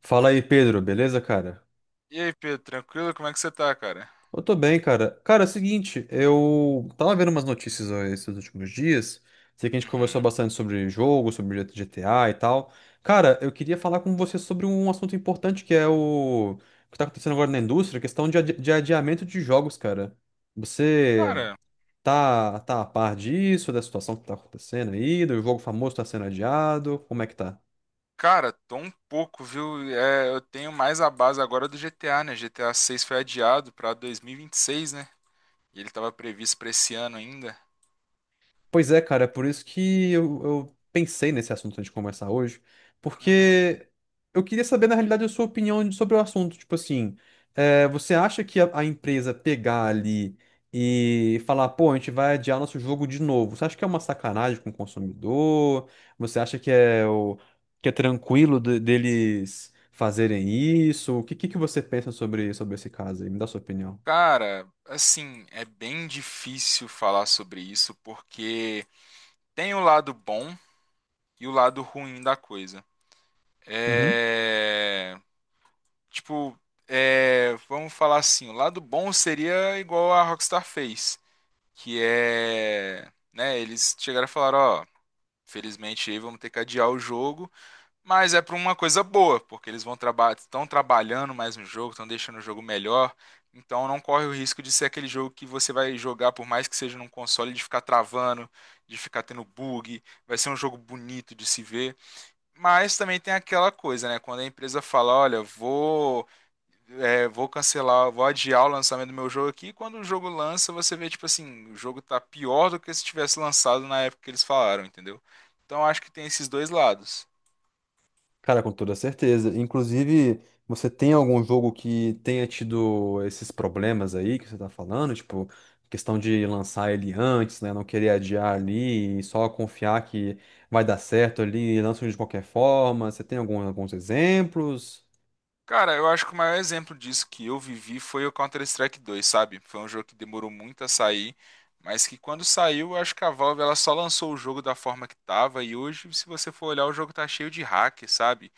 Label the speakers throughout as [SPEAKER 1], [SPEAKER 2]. [SPEAKER 1] Fala aí, Pedro, beleza, cara?
[SPEAKER 2] E aí, Pedro, tranquilo? Como é que você tá, cara?
[SPEAKER 1] Eu tô bem, cara. Cara, é o seguinte, eu tava vendo umas notícias ó, esses últimos dias. Sei que a gente conversou
[SPEAKER 2] Uhum.
[SPEAKER 1] bastante sobre jogo, sobre GTA e tal. Cara, eu queria falar com você sobre um assunto importante que é o que tá acontecendo agora na indústria, questão de, adiamento de jogos, cara. Você
[SPEAKER 2] Cara,
[SPEAKER 1] tá a par disso, da situação que tá acontecendo aí, do jogo famoso tá sendo adiado? Como é que tá?
[SPEAKER 2] cara, tô um pouco, viu? Eu tenho mais a base agora do GTA, né? GTA 6 foi adiado pra 2026, né? E ele tava previsto pra esse ano ainda.
[SPEAKER 1] Pois é, cara, é por isso que eu pensei nesse assunto antes de conversar hoje,
[SPEAKER 2] Uhum.
[SPEAKER 1] porque eu queria saber, na realidade, a sua opinião sobre o assunto. Tipo assim, você acha que a empresa pegar ali e falar, pô, a gente vai adiar nosso jogo de novo, você acha que é uma sacanagem com o consumidor? Você acha que é tranquilo deles fazerem isso? O que você pensa sobre esse caso aí? Me dá sua opinião.
[SPEAKER 2] Cara, assim, é bem difícil falar sobre isso porque tem o lado bom e o lado ruim da coisa. É. Tipo, vamos falar assim: o lado bom seria igual a Rockstar fez, que é, né, eles chegaram e falaram, ó, felizmente aí vamos ter que adiar o jogo, mas é para uma coisa boa, porque eles vão trabalhar, estão trabalhando mais no jogo, estão deixando o jogo melhor, então não corre o risco de ser aquele jogo que você vai jogar por mais que seja num console de ficar travando, de ficar tendo bug, vai ser um jogo bonito de se ver, mas também tem aquela coisa, né, quando a empresa fala, olha, vou cancelar, vou adiar o lançamento do meu jogo aqui. E quando o jogo lança, você vê, tipo assim, o jogo tá pior do que se tivesse lançado na época que eles falaram, entendeu? Então eu acho que tem esses dois lados.
[SPEAKER 1] Cara, com toda certeza. Inclusive, você tem algum jogo que tenha tido esses problemas aí que você tá falando? Tipo, questão de lançar ele antes, né? Não querer adiar ali e só confiar que vai dar certo ali, lança de qualquer forma. Você tem algum, alguns exemplos?
[SPEAKER 2] Cara, eu acho que o maior exemplo disso que eu vivi foi o Counter-Strike dois, sabe? Foi um jogo que demorou muito a sair, mas que quando saiu, eu acho que a Valve ela só lançou o jogo da forma que tava, e hoje, se você for olhar, o jogo tá cheio de hack, sabe?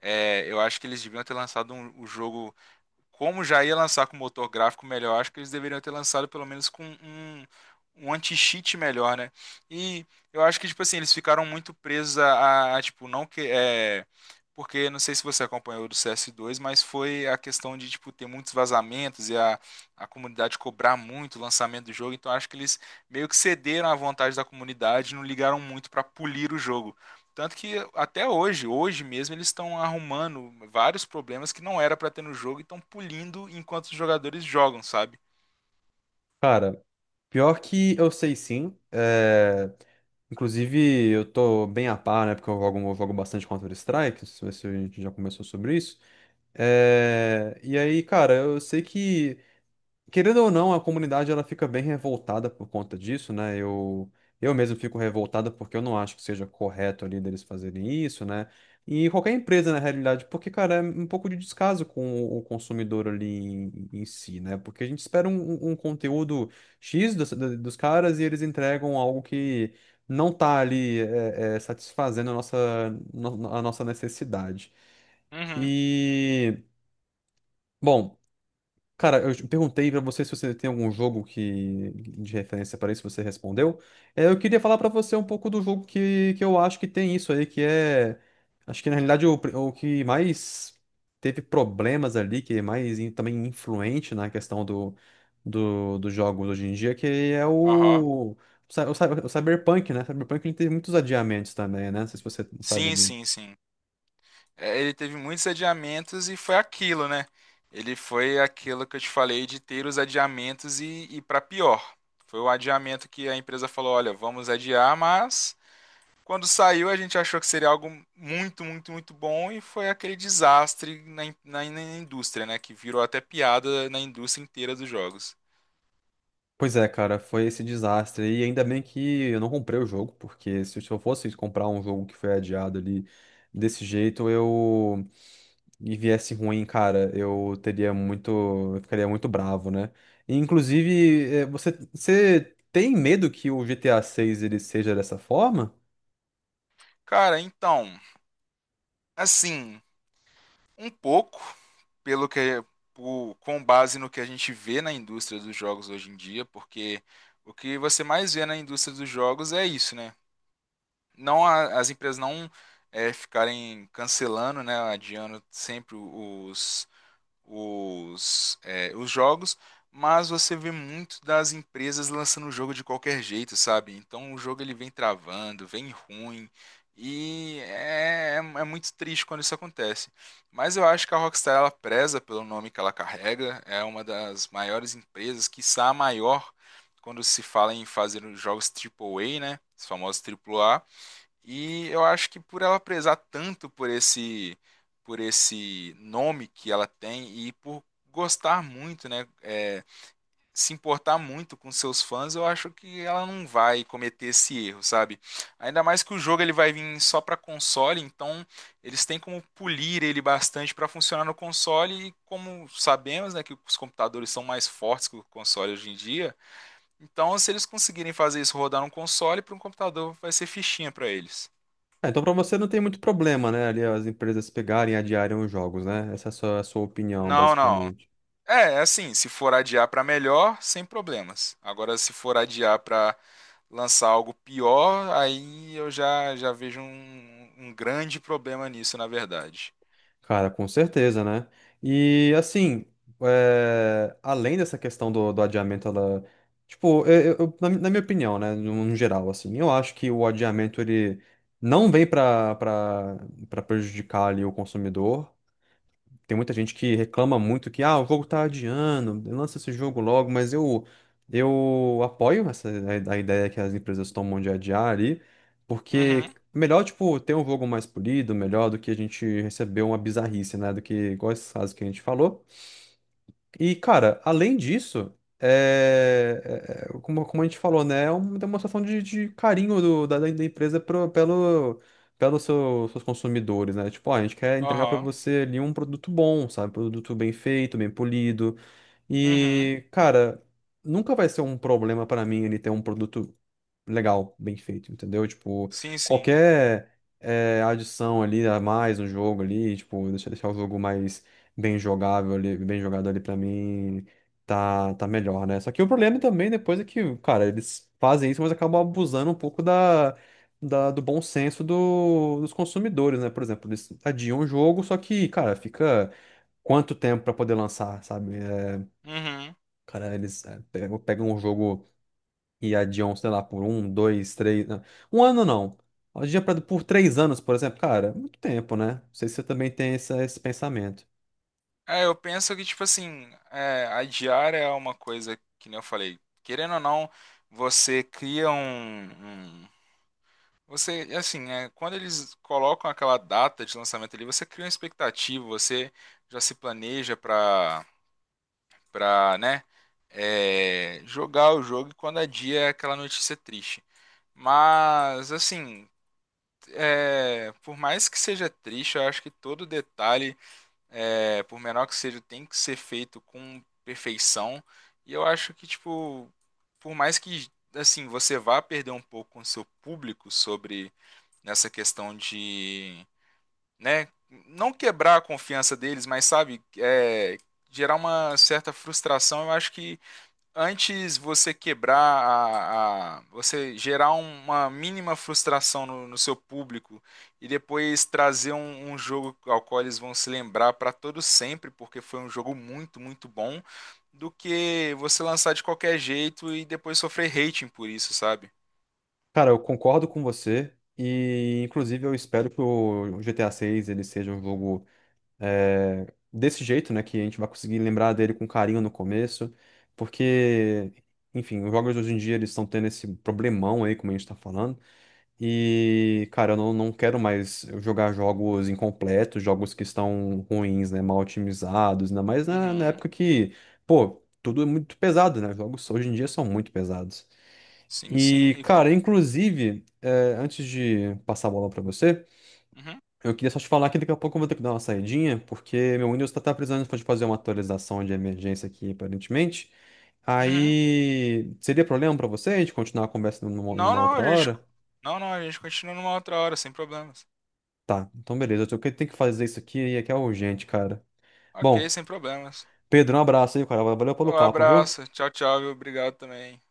[SPEAKER 2] Eu acho que eles deviam ter lançado o jogo como já ia lançar com motor gráfico melhor, acho que eles deveriam ter lançado pelo menos com um anti-cheat melhor, né? E eu acho que, tipo assim, eles ficaram muito presos tipo, não que. É, porque não sei se você acompanhou do CS2, mas foi a questão de, tipo, ter muitos vazamentos e a comunidade cobrar muito o lançamento do jogo. Então acho que eles meio que cederam à vontade da comunidade e não ligaram muito para polir o jogo. Tanto que até hoje, hoje mesmo, eles estão arrumando vários problemas que não era pra ter no jogo e estão pulindo enquanto os jogadores jogam, sabe?
[SPEAKER 1] Cara, pior que eu sei sim. Inclusive, eu tô bem a par, né? Porque eu jogo bastante Counter-Strike. Não sei se a gente já começou sobre isso. E aí, cara, eu sei que. Querendo ou não, a comunidade ela fica bem revoltada por conta disso, né? Eu mesmo fico revoltada porque eu não acho que seja correto ali deles fazerem isso, né? E qualquer empresa, na realidade, porque, cara, é um pouco de descaso com o consumidor ali em si, né? Porque a gente espera um conteúdo X dos caras e eles entregam algo que não tá ali satisfazendo a nossa necessidade.
[SPEAKER 2] Uhum.
[SPEAKER 1] E, bom. Cara, eu te perguntei pra você se você tem algum jogo que de referência para isso, você respondeu. Eu queria falar pra você um pouco do jogo que eu acho que tem isso aí, acho que na realidade o que mais teve problemas ali, que é mais também influente na questão dos jogos hoje em dia, que é
[SPEAKER 2] Aham.
[SPEAKER 1] o Cyberpunk, né? Cyberpunk ele teve muitos adiamentos também, né? Não sei se você sabe.
[SPEAKER 2] Sim, sim, sim. É, ele teve muitos adiamentos e foi aquilo, né? Ele foi aquilo que eu te falei de ter os adiamentos e para pior. Foi o adiamento que a empresa falou: olha, vamos adiar, mas quando saiu, a gente achou que seria algo muito, muito, muito bom e foi aquele desastre na indústria, né? Que virou até piada na indústria inteira dos jogos.
[SPEAKER 1] Pois é, cara, foi esse desastre. E ainda bem que eu não comprei o jogo, porque se eu fosse comprar um jogo que foi adiado ali desse jeito, eu e viesse ruim, cara, eu ficaria muito bravo, né? E, inclusive, você tem medo que o GTA 6 ele seja dessa forma?
[SPEAKER 2] Cara, então, assim, um pouco, pelo que, com base no que a gente vê na indústria dos jogos hoje em dia, porque o que você mais vê na indústria dos jogos é isso, né? As empresas não ficarem cancelando, né? Adiando sempre os os jogos, mas você vê muito das empresas lançando o jogo de qualquer jeito, sabe? Então o jogo ele vem travando, vem ruim, e é muito triste quando isso acontece. Mas eu acho que a Rockstar ela preza pelo nome que ela carrega, é uma das maiores empresas, quiçá a maior, quando se fala em fazer os jogos A A A, né? Os famosos A. A. E eu acho que por ela prezar tanto por esse nome que ela tem e por gostar muito, né, é, se importar muito com seus fãs, eu acho que ela não vai cometer esse erro, sabe? Ainda mais que o jogo ele vai vir só para console, então eles têm como polir ele bastante para funcionar no console e como sabemos, né, que os computadores são mais fortes que o console hoje em dia, então se eles conseguirem fazer isso rodar num console, para um computador vai ser fichinha para eles.
[SPEAKER 1] Ah, então pra você não tem muito problema, né? Ali as empresas pegarem e adiarem os jogos, né? Essa é a sua opinião,
[SPEAKER 2] Não, não.
[SPEAKER 1] basicamente.
[SPEAKER 2] É, é assim, se for adiar pra melhor, sem problemas. Agora, se for adiar pra lançar algo pior, aí eu já vejo um, um grande problema nisso, na verdade.
[SPEAKER 1] Cara, com certeza, né? E assim, além dessa questão do adiamento, ela. Tipo, na minha opinião, né? No geral, assim, eu acho que o adiamento ele não vem para prejudicar ali o consumidor. Tem muita gente que reclama muito que, ah, o jogo tá adiando, lança esse jogo logo, mas eu apoio a ideia que as empresas tomam de adiar ali, porque
[SPEAKER 2] Uhum,
[SPEAKER 1] melhor, tipo, ter um jogo mais polido, melhor do que a gente receber uma bizarrice, né? Do que, igual esses casos que a gente falou. E, cara, além disso, como a gente falou, né? É uma demonstração de carinho da empresa pelos seus consumidores, né? Tipo, ó, a gente quer entregar pra
[SPEAKER 2] aham,
[SPEAKER 1] você ali um produto bom, sabe? Produto bem feito, bem polido.
[SPEAKER 2] uhum,
[SPEAKER 1] E, cara, nunca vai ser um problema pra mim ele ter um produto legal, bem feito, entendeu? Tipo,
[SPEAKER 2] sim, sim,
[SPEAKER 1] qualquer adição ali a mais no jogo ali, tipo, deixar o jogo mais bem jogável ali, bem jogado ali pra mim, tá melhor, né? Só que o problema também depois é que, cara, eles fazem isso, mas acabam abusando um pouco do bom senso dos consumidores, né? Por exemplo, eles adiam o jogo, só que, cara, fica quanto tempo pra poder lançar, sabe?
[SPEAKER 2] uhum.
[SPEAKER 1] Cara, eles pegam um jogo e adiam, sei lá, por um, dois, três. Não, um ano não. Adia pra, por três anos, por exemplo. Cara, é muito tempo, né? Não sei se você também tem esse pensamento.
[SPEAKER 2] É, eu penso que, tipo assim, é, adiar é uma coisa que, nem eu falei, querendo ou não, você cria um você, assim, é, quando eles colocam aquela data de lançamento ali, você cria uma expectativa, você já se planeja pra, né, é, jogar o jogo e quando é dia é aquela notícia triste. Mas, assim, é, por mais que seja triste, eu acho que todo detalhe, é, por menor que seja, tem que ser feito com perfeição. E eu acho que, tipo, por mais que, assim, você vá perder um pouco com o seu público sobre nessa questão de, né, não quebrar a confiança deles, mas sabe, é, gerar uma certa frustração. Eu acho que antes você você gerar uma mínima frustração no seu público e depois trazer um jogo ao qual eles vão se lembrar para todo sempre, porque foi um jogo muito, muito bom, do que você lançar de qualquer jeito e depois sofrer hating por isso, sabe?
[SPEAKER 1] Cara, eu concordo com você. E, inclusive, eu espero que o GTA VI ele seja um jogo é, desse jeito, né? Que a gente vai conseguir lembrar dele com carinho no começo. Porque, enfim, os jogos hoje em dia eles estão tendo esse problemão aí, como a gente tá falando. E, cara, eu não quero mais jogar jogos incompletos, jogos que estão ruins, né? Mal otimizados, ainda mais na
[SPEAKER 2] Uhum.
[SPEAKER 1] época que, pô, tudo é muito pesado, né? Jogos hoje em dia são muito pesados.
[SPEAKER 2] Sim, sim.
[SPEAKER 1] E,
[SPEAKER 2] E
[SPEAKER 1] cara,
[SPEAKER 2] com.
[SPEAKER 1] inclusive, antes de passar a bola pra você,
[SPEAKER 2] Uhum.
[SPEAKER 1] eu queria só te falar que daqui a pouco eu vou ter que dar uma saidinha, porque meu Windows tá precisando de fazer uma atualização de emergência aqui, aparentemente.
[SPEAKER 2] Uhum.
[SPEAKER 1] Aí, seria problema pra você a gente continuar a conversa numa,
[SPEAKER 2] Não,
[SPEAKER 1] numa
[SPEAKER 2] não,
[SPEAKER 1] outra
[SPEAKER 2] a gente.
[SPEAKER 1] hora?
[SPEAKER 2] Não, não, a gente continua numa outra hora, sem problemas.
[SPEAKER 1] Tá, então beleza. Eu tenho que fazer isso aqui e aqui é urgente, cara.
[SPEAKER 2] Ok,
[SPEAKER 1] Bom,
[SPEAKER 2] sem problemas.
[SPEAKER 1] Pedro, um abraço aí, cara. Valeu pelo
[SPEAKER 2] Um
[SPEAKER 1] papo, viu?
[SPEAKER 2] abraço. Tchau, tchau, viu? Obrigado também.